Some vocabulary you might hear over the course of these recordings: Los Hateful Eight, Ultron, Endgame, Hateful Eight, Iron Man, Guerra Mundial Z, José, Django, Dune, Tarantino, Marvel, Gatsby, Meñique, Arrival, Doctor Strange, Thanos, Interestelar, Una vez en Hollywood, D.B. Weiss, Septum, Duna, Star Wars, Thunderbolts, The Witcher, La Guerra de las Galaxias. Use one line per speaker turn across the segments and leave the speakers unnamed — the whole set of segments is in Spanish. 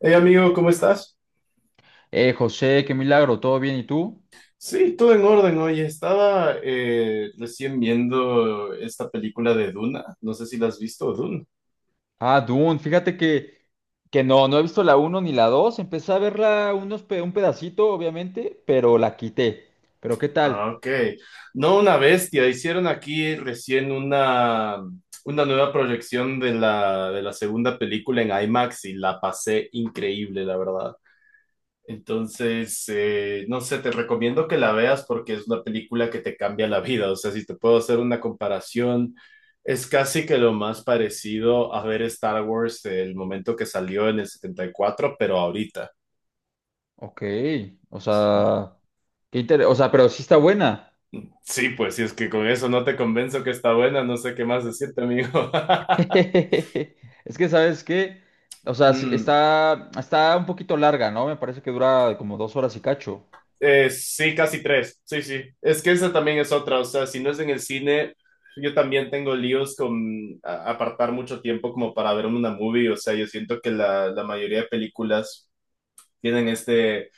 Hey amigo, ¿cómo estás?
José, qué milagro, ¿todo bien? ¿Y tú?
Sí, todo en orden. Oye, estaba recién viendo esta película de Duna. No sé si la has visto, Duna.
Ah, Dune, fíjate que no he visto la uno ni la 2. Empecé a verla un pedacito, obviamente, pero la quité. ¿Pero qué tal?
Ah, ok. No, una bestia. Hicieron aquí recién una nueva proyección de la segunda película en IMAX y la pasé increíble, la verdad. Entonces, no sé, te recomiendo que la veas porque es una película que te cambia la vida. O sea, si te puedo hacer una comparación, es casi que lo más parecido a ver Star Wars el momento que salió en el 74, pero ahorita.
Ok, o sea, o sea, pero sí está buena.
Sí, pues si es que con eso no te convenzo que está buena, no sé qué más decirte, amigo.
Es que, ¿sabes qué? O sea,
Mm.
está un poquito larga, ¿no? Me parece que dura como dos horas y cacho.
Sí, casi tres. Sí, sí. Es que esa también es otra. O sea, si no es en el cine, yo también tengo líos con apartar mucho tiempo como para ver una movie. O sea, yo siento que la mayoría de películas tienen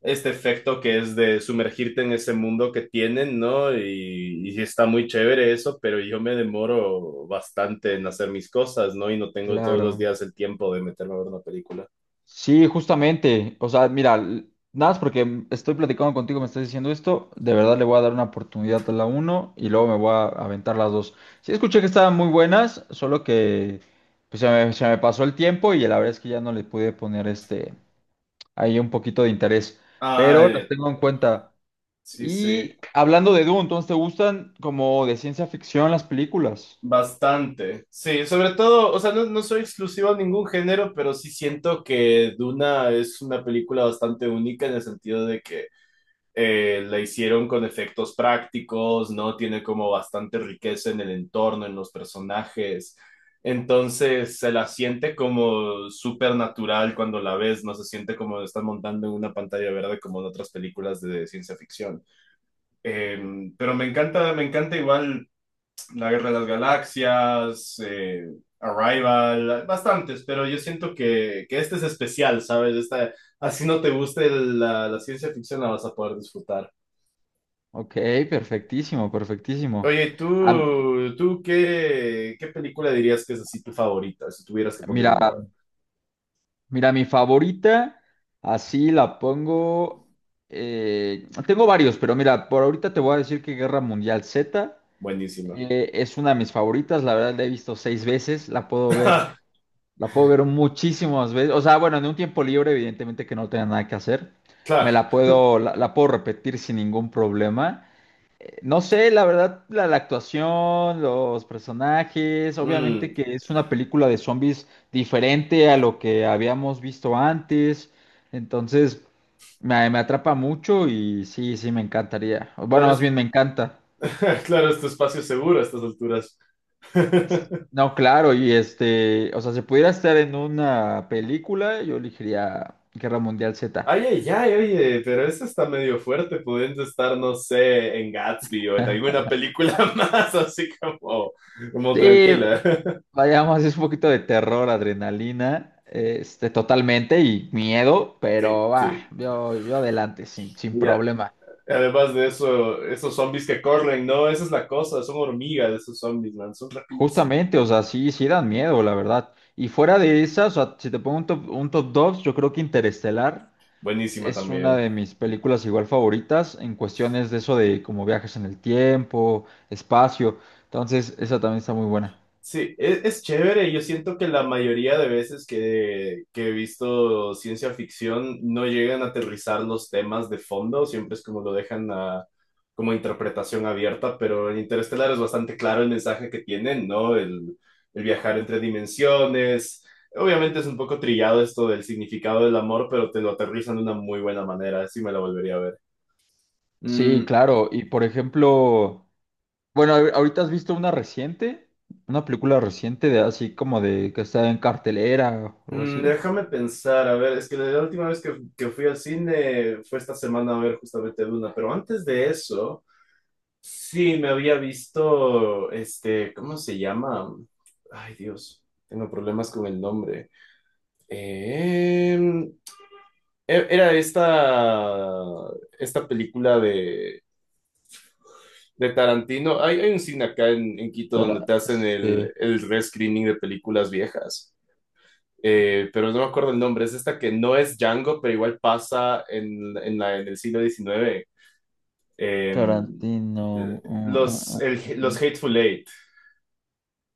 este efecto que es de sumergirte en ese mundo que tienen, ¿no? Y sí está muy chévere eso, pero yo me demoro bastante en hacer mis cosas, ¿no? Y no tengo todos los
Claro.
días el tiempo de meterme a ver una película.
Sí, justamente. O sea, mira, nada más porque estoy platicando contigo, me estás diciendo esto, de verdad le voy a dar una oportunidad a la uno y luego me voy a aventar las dos. Sí, escuché que estaban muy buenas, solo que pues, se me pasó el tiempo y la verdad es que ya no le pude poner este ahí un poquito de interés, pero las
Ah,
tengo en cuenta.
sí, sí.
Y hablando de Dune, entonces, ¿te gustan como de ciencia ficción las películas?
Bastante, sí, sobre todo, o sea, no, no soy exclusivo a ningún género, pero sí siento que Duna es una película bastante única en el sentido de que la hicieron con efectos prácticos, ¿no? Tiene como bastante riqueza en el entorno, en los personajes, entonces se la siente como súper natural cuando la ves, no se siente como están montando en una pantalla verde como en otras películas de ciencia ficción. Eh, pero me encanta igual. La Guerra de las Galaxias, Arrival, bastantes, pero yo siento que este es especial, ¿sabes? Esta, así no te guste la ciencia ficción, la vas a poder disfrutar.
Ok, perfectísimo, perfectísimo.
Oye,
Ah,
¿tú qué, qué película dirías que es así tu favorita? Si tuvieras que poner
mira.
una
Mira, mi favorita, así la pongo. Tengo varios, pero mira, por ahorita te voy a decir que Guerra Mundial Z
buenísima.
es una de mis favoritas. La verdad la he visto seis veces, la puedo ver muchísimas veces. O sea, bueno, en un tiempo libre, evidentemente que no tenga nada que hacer, me
Claro,
la puedo, la puedo repetir sin ningún problema. No sé, la verdad, la actuación, los personajes, obviamente
mm,
que es una película de zombies diferente a lo que habíamos visto antes, entonces me atrapa mucho y sí, sí, me encantaría. Bueno,
claro,
más
es,
bien me encanta.
claro, es tu espacio seguro a estas alturas.
No, claro, y este, o sea, si pudiera estar en una película, yo elegiría Guerra Mundial Z.
Oye, ya, oye, pero eso está medio fuerte, pudiendo estar, no sé, en Gatsby o en alguna película más, así como, como
Sí,
tranquila.
Vayamos, es un poquito de terror, adrenalina, este, totalmente y miedo, pero
Sí,
va,
sí.
yo adelante, sin
Y a-
problema.
Además de eso, esos zombies que corren, no, esa es la cosa, son hormigas esos zombies, man, son rapidísimos.
Justamente, o sea, sí, sí dan miedo, la verdad. Y fuera de esas, o sea, si te pongo un top 2, yo creo que Interestelar
Buenísima
es una
también.
de mis películas igual favoritas en cuestiones de eso de como viajes en el tiempo, espacio. Entonces, esa también está muy buena.
Sí, es chévere. Yo siento que la mayoría de veces que he visto ciencia ficción no llegan a aterrizar los temas de fondo, siempre es como lo dejan a, como interpretación abierta, pero en Interestelar es bastante claro el mensaje que tienen, ¿no? El viajar entre dimensiones. Obviamente es un poco trillado esto del significado del amor, pero te lo aterrizan de una muy buena manera, así me la volvería a ver.
Sí,
Mm.
claro. Y por ejemplo... Bueno, ahorita has visto una reciente, una película reciente de así como de que está en cartelera o algo
Mm,
así.
déjame pensar, a ver, es que la última vez que fui al cine fue esta semana a ver justamente Duna, pero antes de eso, sí me había visto, este, ¿cómo se llama? Ay, Dios, tengo problemas con el nombre. Em, era esta, esta película de Tarantino. Hay un cine acá en Quito donde te
Tara-
hacen
sí,
el rescreening de películas viejas. Pero no me acuerdo el nombre, es esta que no es Django, pero igual pasa en el siglo XIX. Eh,
Tarantino.
los
Mm,
Hateful Eight,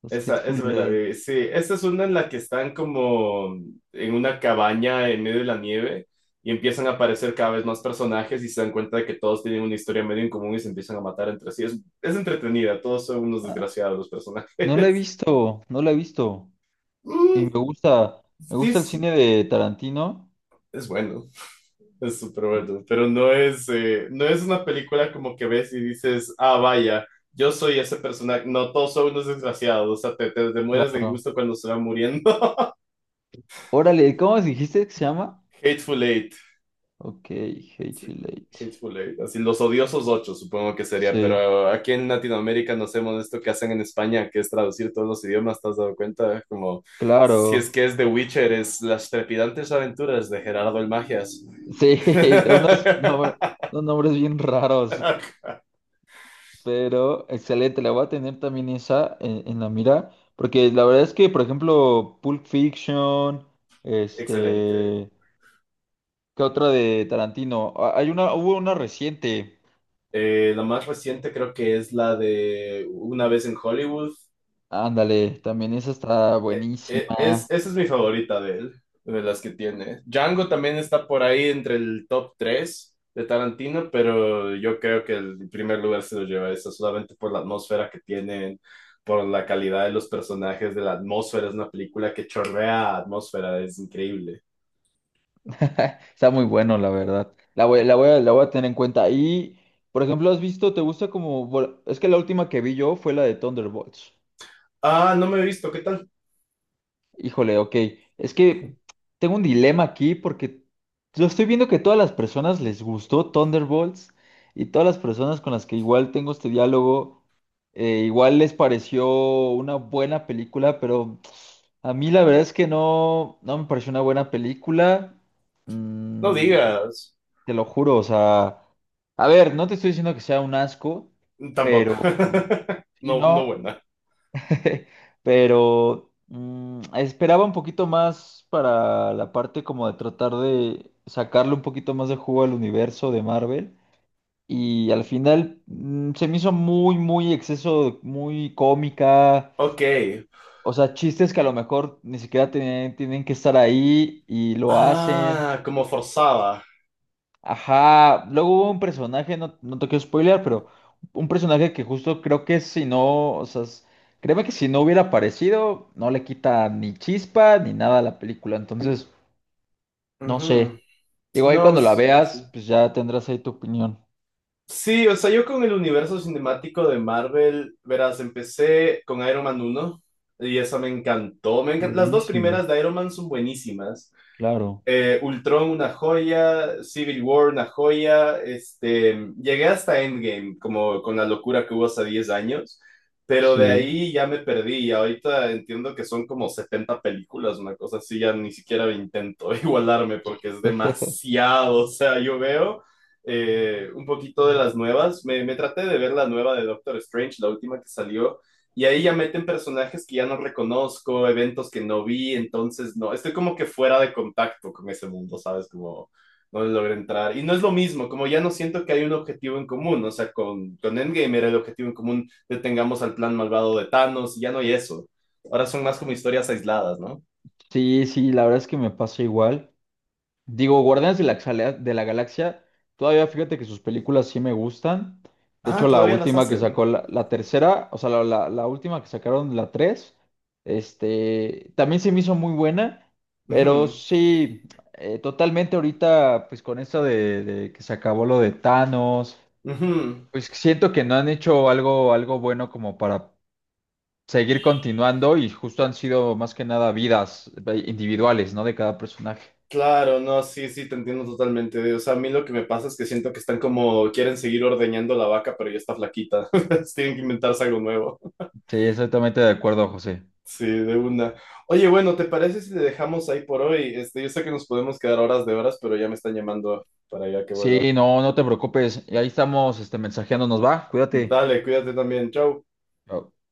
Los
esa,
Hateful
esa me la
Eight.
vi. Sí, esa es una en la que están como en una cabaña en medio de la nieve y empiezan a aparecer cada vez más personajes y se dan cuenta de que todos tienen una historia medio en común y se empiezan a matar entre sí. Es entretenida, todos son unos
Ah,
desgraciados los personajes.
no la he visto. Y
Mm,
me
sí,
gusta el cine de Tarantino.
es bueno. Es súper bueno, pero no es, no es una película como que ves y dices, ah, vaya, yo soy ese personaje. No, todos son unos desgraciados, o sea, te mueres de
Claro.
gusto cuando se van muriendo.
Órale, ¿cómo dijiste que se llama?
Hateful Eight,
Ok,
sí,
Hateful Eight.
Hateful Eight, así los odiosos ocho, supongo que sería,
Sí,
pero aquí en Latinoamérica no hacemos esto que hacen en España, que es traducir todos los idiomas, ¿te has dado cuenta? Como, si es
claro.
que es The Witcher, es Las trepidantes aventuras de Gerardo el Magias.
Sí, unos nombres, unos nombres bien raros. Pero excelente, la voy a tener también esa en la mira, porque la verdad es que, por ejemplo, Pulp Fiction,
Excelente.
este, ¿qué otra de Tarantino? Ah, Hay una, hubo una reciente,
La más reciente creo que es la de Una vez en Hollywood.
ándale, también esa está
Es,
buenísima,
esa es mi favorita de él, de las que tiene. Django también está por ahí entre el top 3 de Tarantino, pero yo creo que el primer lugar se lo lleva esa, solamente por la atmósfera que tienen, por la calidad de los personajes, de la atmósfera. Es una película que chorrea atmósfera, es increíble.
está muy bueno, la verdad, la voy a tener en cuenta. Y, por ejemplo, ¿has visto, te gusta como, bueno, es que la última que vi yo fue la de Thunderbolts.
Ah, no me he visto, ¿qué tal?
Híjole, ok. Es que tengo un dilema aquí porque yo estoy viendo que todas las personas les gustó Thunderbolts y todas las personas con las que igual tengo este diálogo, igual les pareció una buena película, pero a mí la verdad es que no me pareció una buena película.
No
Mm,
digas.
te lo juro, o sea, a ver, no te estoy diciendo que sea un asco,
Tampoco.
pero si
No, no
no.
buena.
Pero esperaba un poquito más para la parte como de tratar de sacarle un poquito más de jugo al universo de Marvel. Y al final se me hizo muy exceso, muy cómica.
Ok.
O sea, chistes que a lo mejor ni siquiera tienen que estar ahí y lo hacen.
Ah, como forzada.
Ajá, luego hubo un personaje, no, no te quiero spoilear, pero un personaje que justo creo que si no, o sea, créeme que si no hubiera aparecido, no le quita ni chispa ni nada a la película, entonces, no
Ujú.
sé. Digo, ahí
No,
cuando la
sí, sí.
veas, pues ya tendrás ahí tu opinión.
Sí, o sea, yo con el universo cinemático de Marvel, verás, empecé con Iron Man uno y esa me encantó. Me encan- Las dos
Buenísimo.
primeras de Iron Man son buenísimas.
Claro,
Ultron una joya, Civil War una joya, este, llegué hasta Endgame, como con la locura que hubo hace 10 años, pero de
sí.
ahí ya me perdí y ahorita entiendo que son como 70 películas, una cosa así, ya ni siquiera intento igualarme porque es demasiado, o sea, yo veo un poquito de las nuevas, me traté de ver la nueva de Doctor Strange, la última que salió, y ahí ya meten personajes que ya no reconozco, eventos que no vi, entonces no, estoy como que fuera de contacto con ese mundo, ¿sabes? Como no logro entrar. Y no es lo mismo, como ya no siento que hay un objetivo en común, o sea, con Endgame era el objetivo en común, detengamos al plan malvado de Thanos, y ya no hay eso. Ahora son más como historias aisladas, ¿no?
Sí, sí, la verdad es que me pasa igual. Digo, Guardianes de la, Xalea- de la Galaxia, todavía fíjate que sus películas sí me gustan. De
Ah,
hecho, la
todavía las
última que sacó,
hacen.
la tercera, o sea, la última que sacaron, la tres, este, también se me hizo muy buena, pero
Ujú,
sí, totalmente ahorita, pues con esto de que se acabó lo de Thanos,
ujú.
pues siento que no han hecho algo bueno como para seguir continuando y justo han sido más que nada vidas individuales, ¿no? De cada personaje.
Claro, no, sí, sí, te entiendo totalmente. O sea, a mí lo que me pasa es que siento que están como, quieren seguir ordeñando la vaca, pero ya está flaquita. Entonces, tienen que inventarse algo nuevo.
Sí, exactamente de acuerdo, José.
Sí, de una. Oye, bueno, ¿te parece si le dejamos ahí por hoy? Este, yo sé que nos podemos quedar horas de horas, pero ya me están llamando para ya que vuelva.
Sí, no, no te preocupes. Y ahí estamos, este, mensajeándonos, va. Cuídate.
Dale, cuídate también. Chau.
Chao.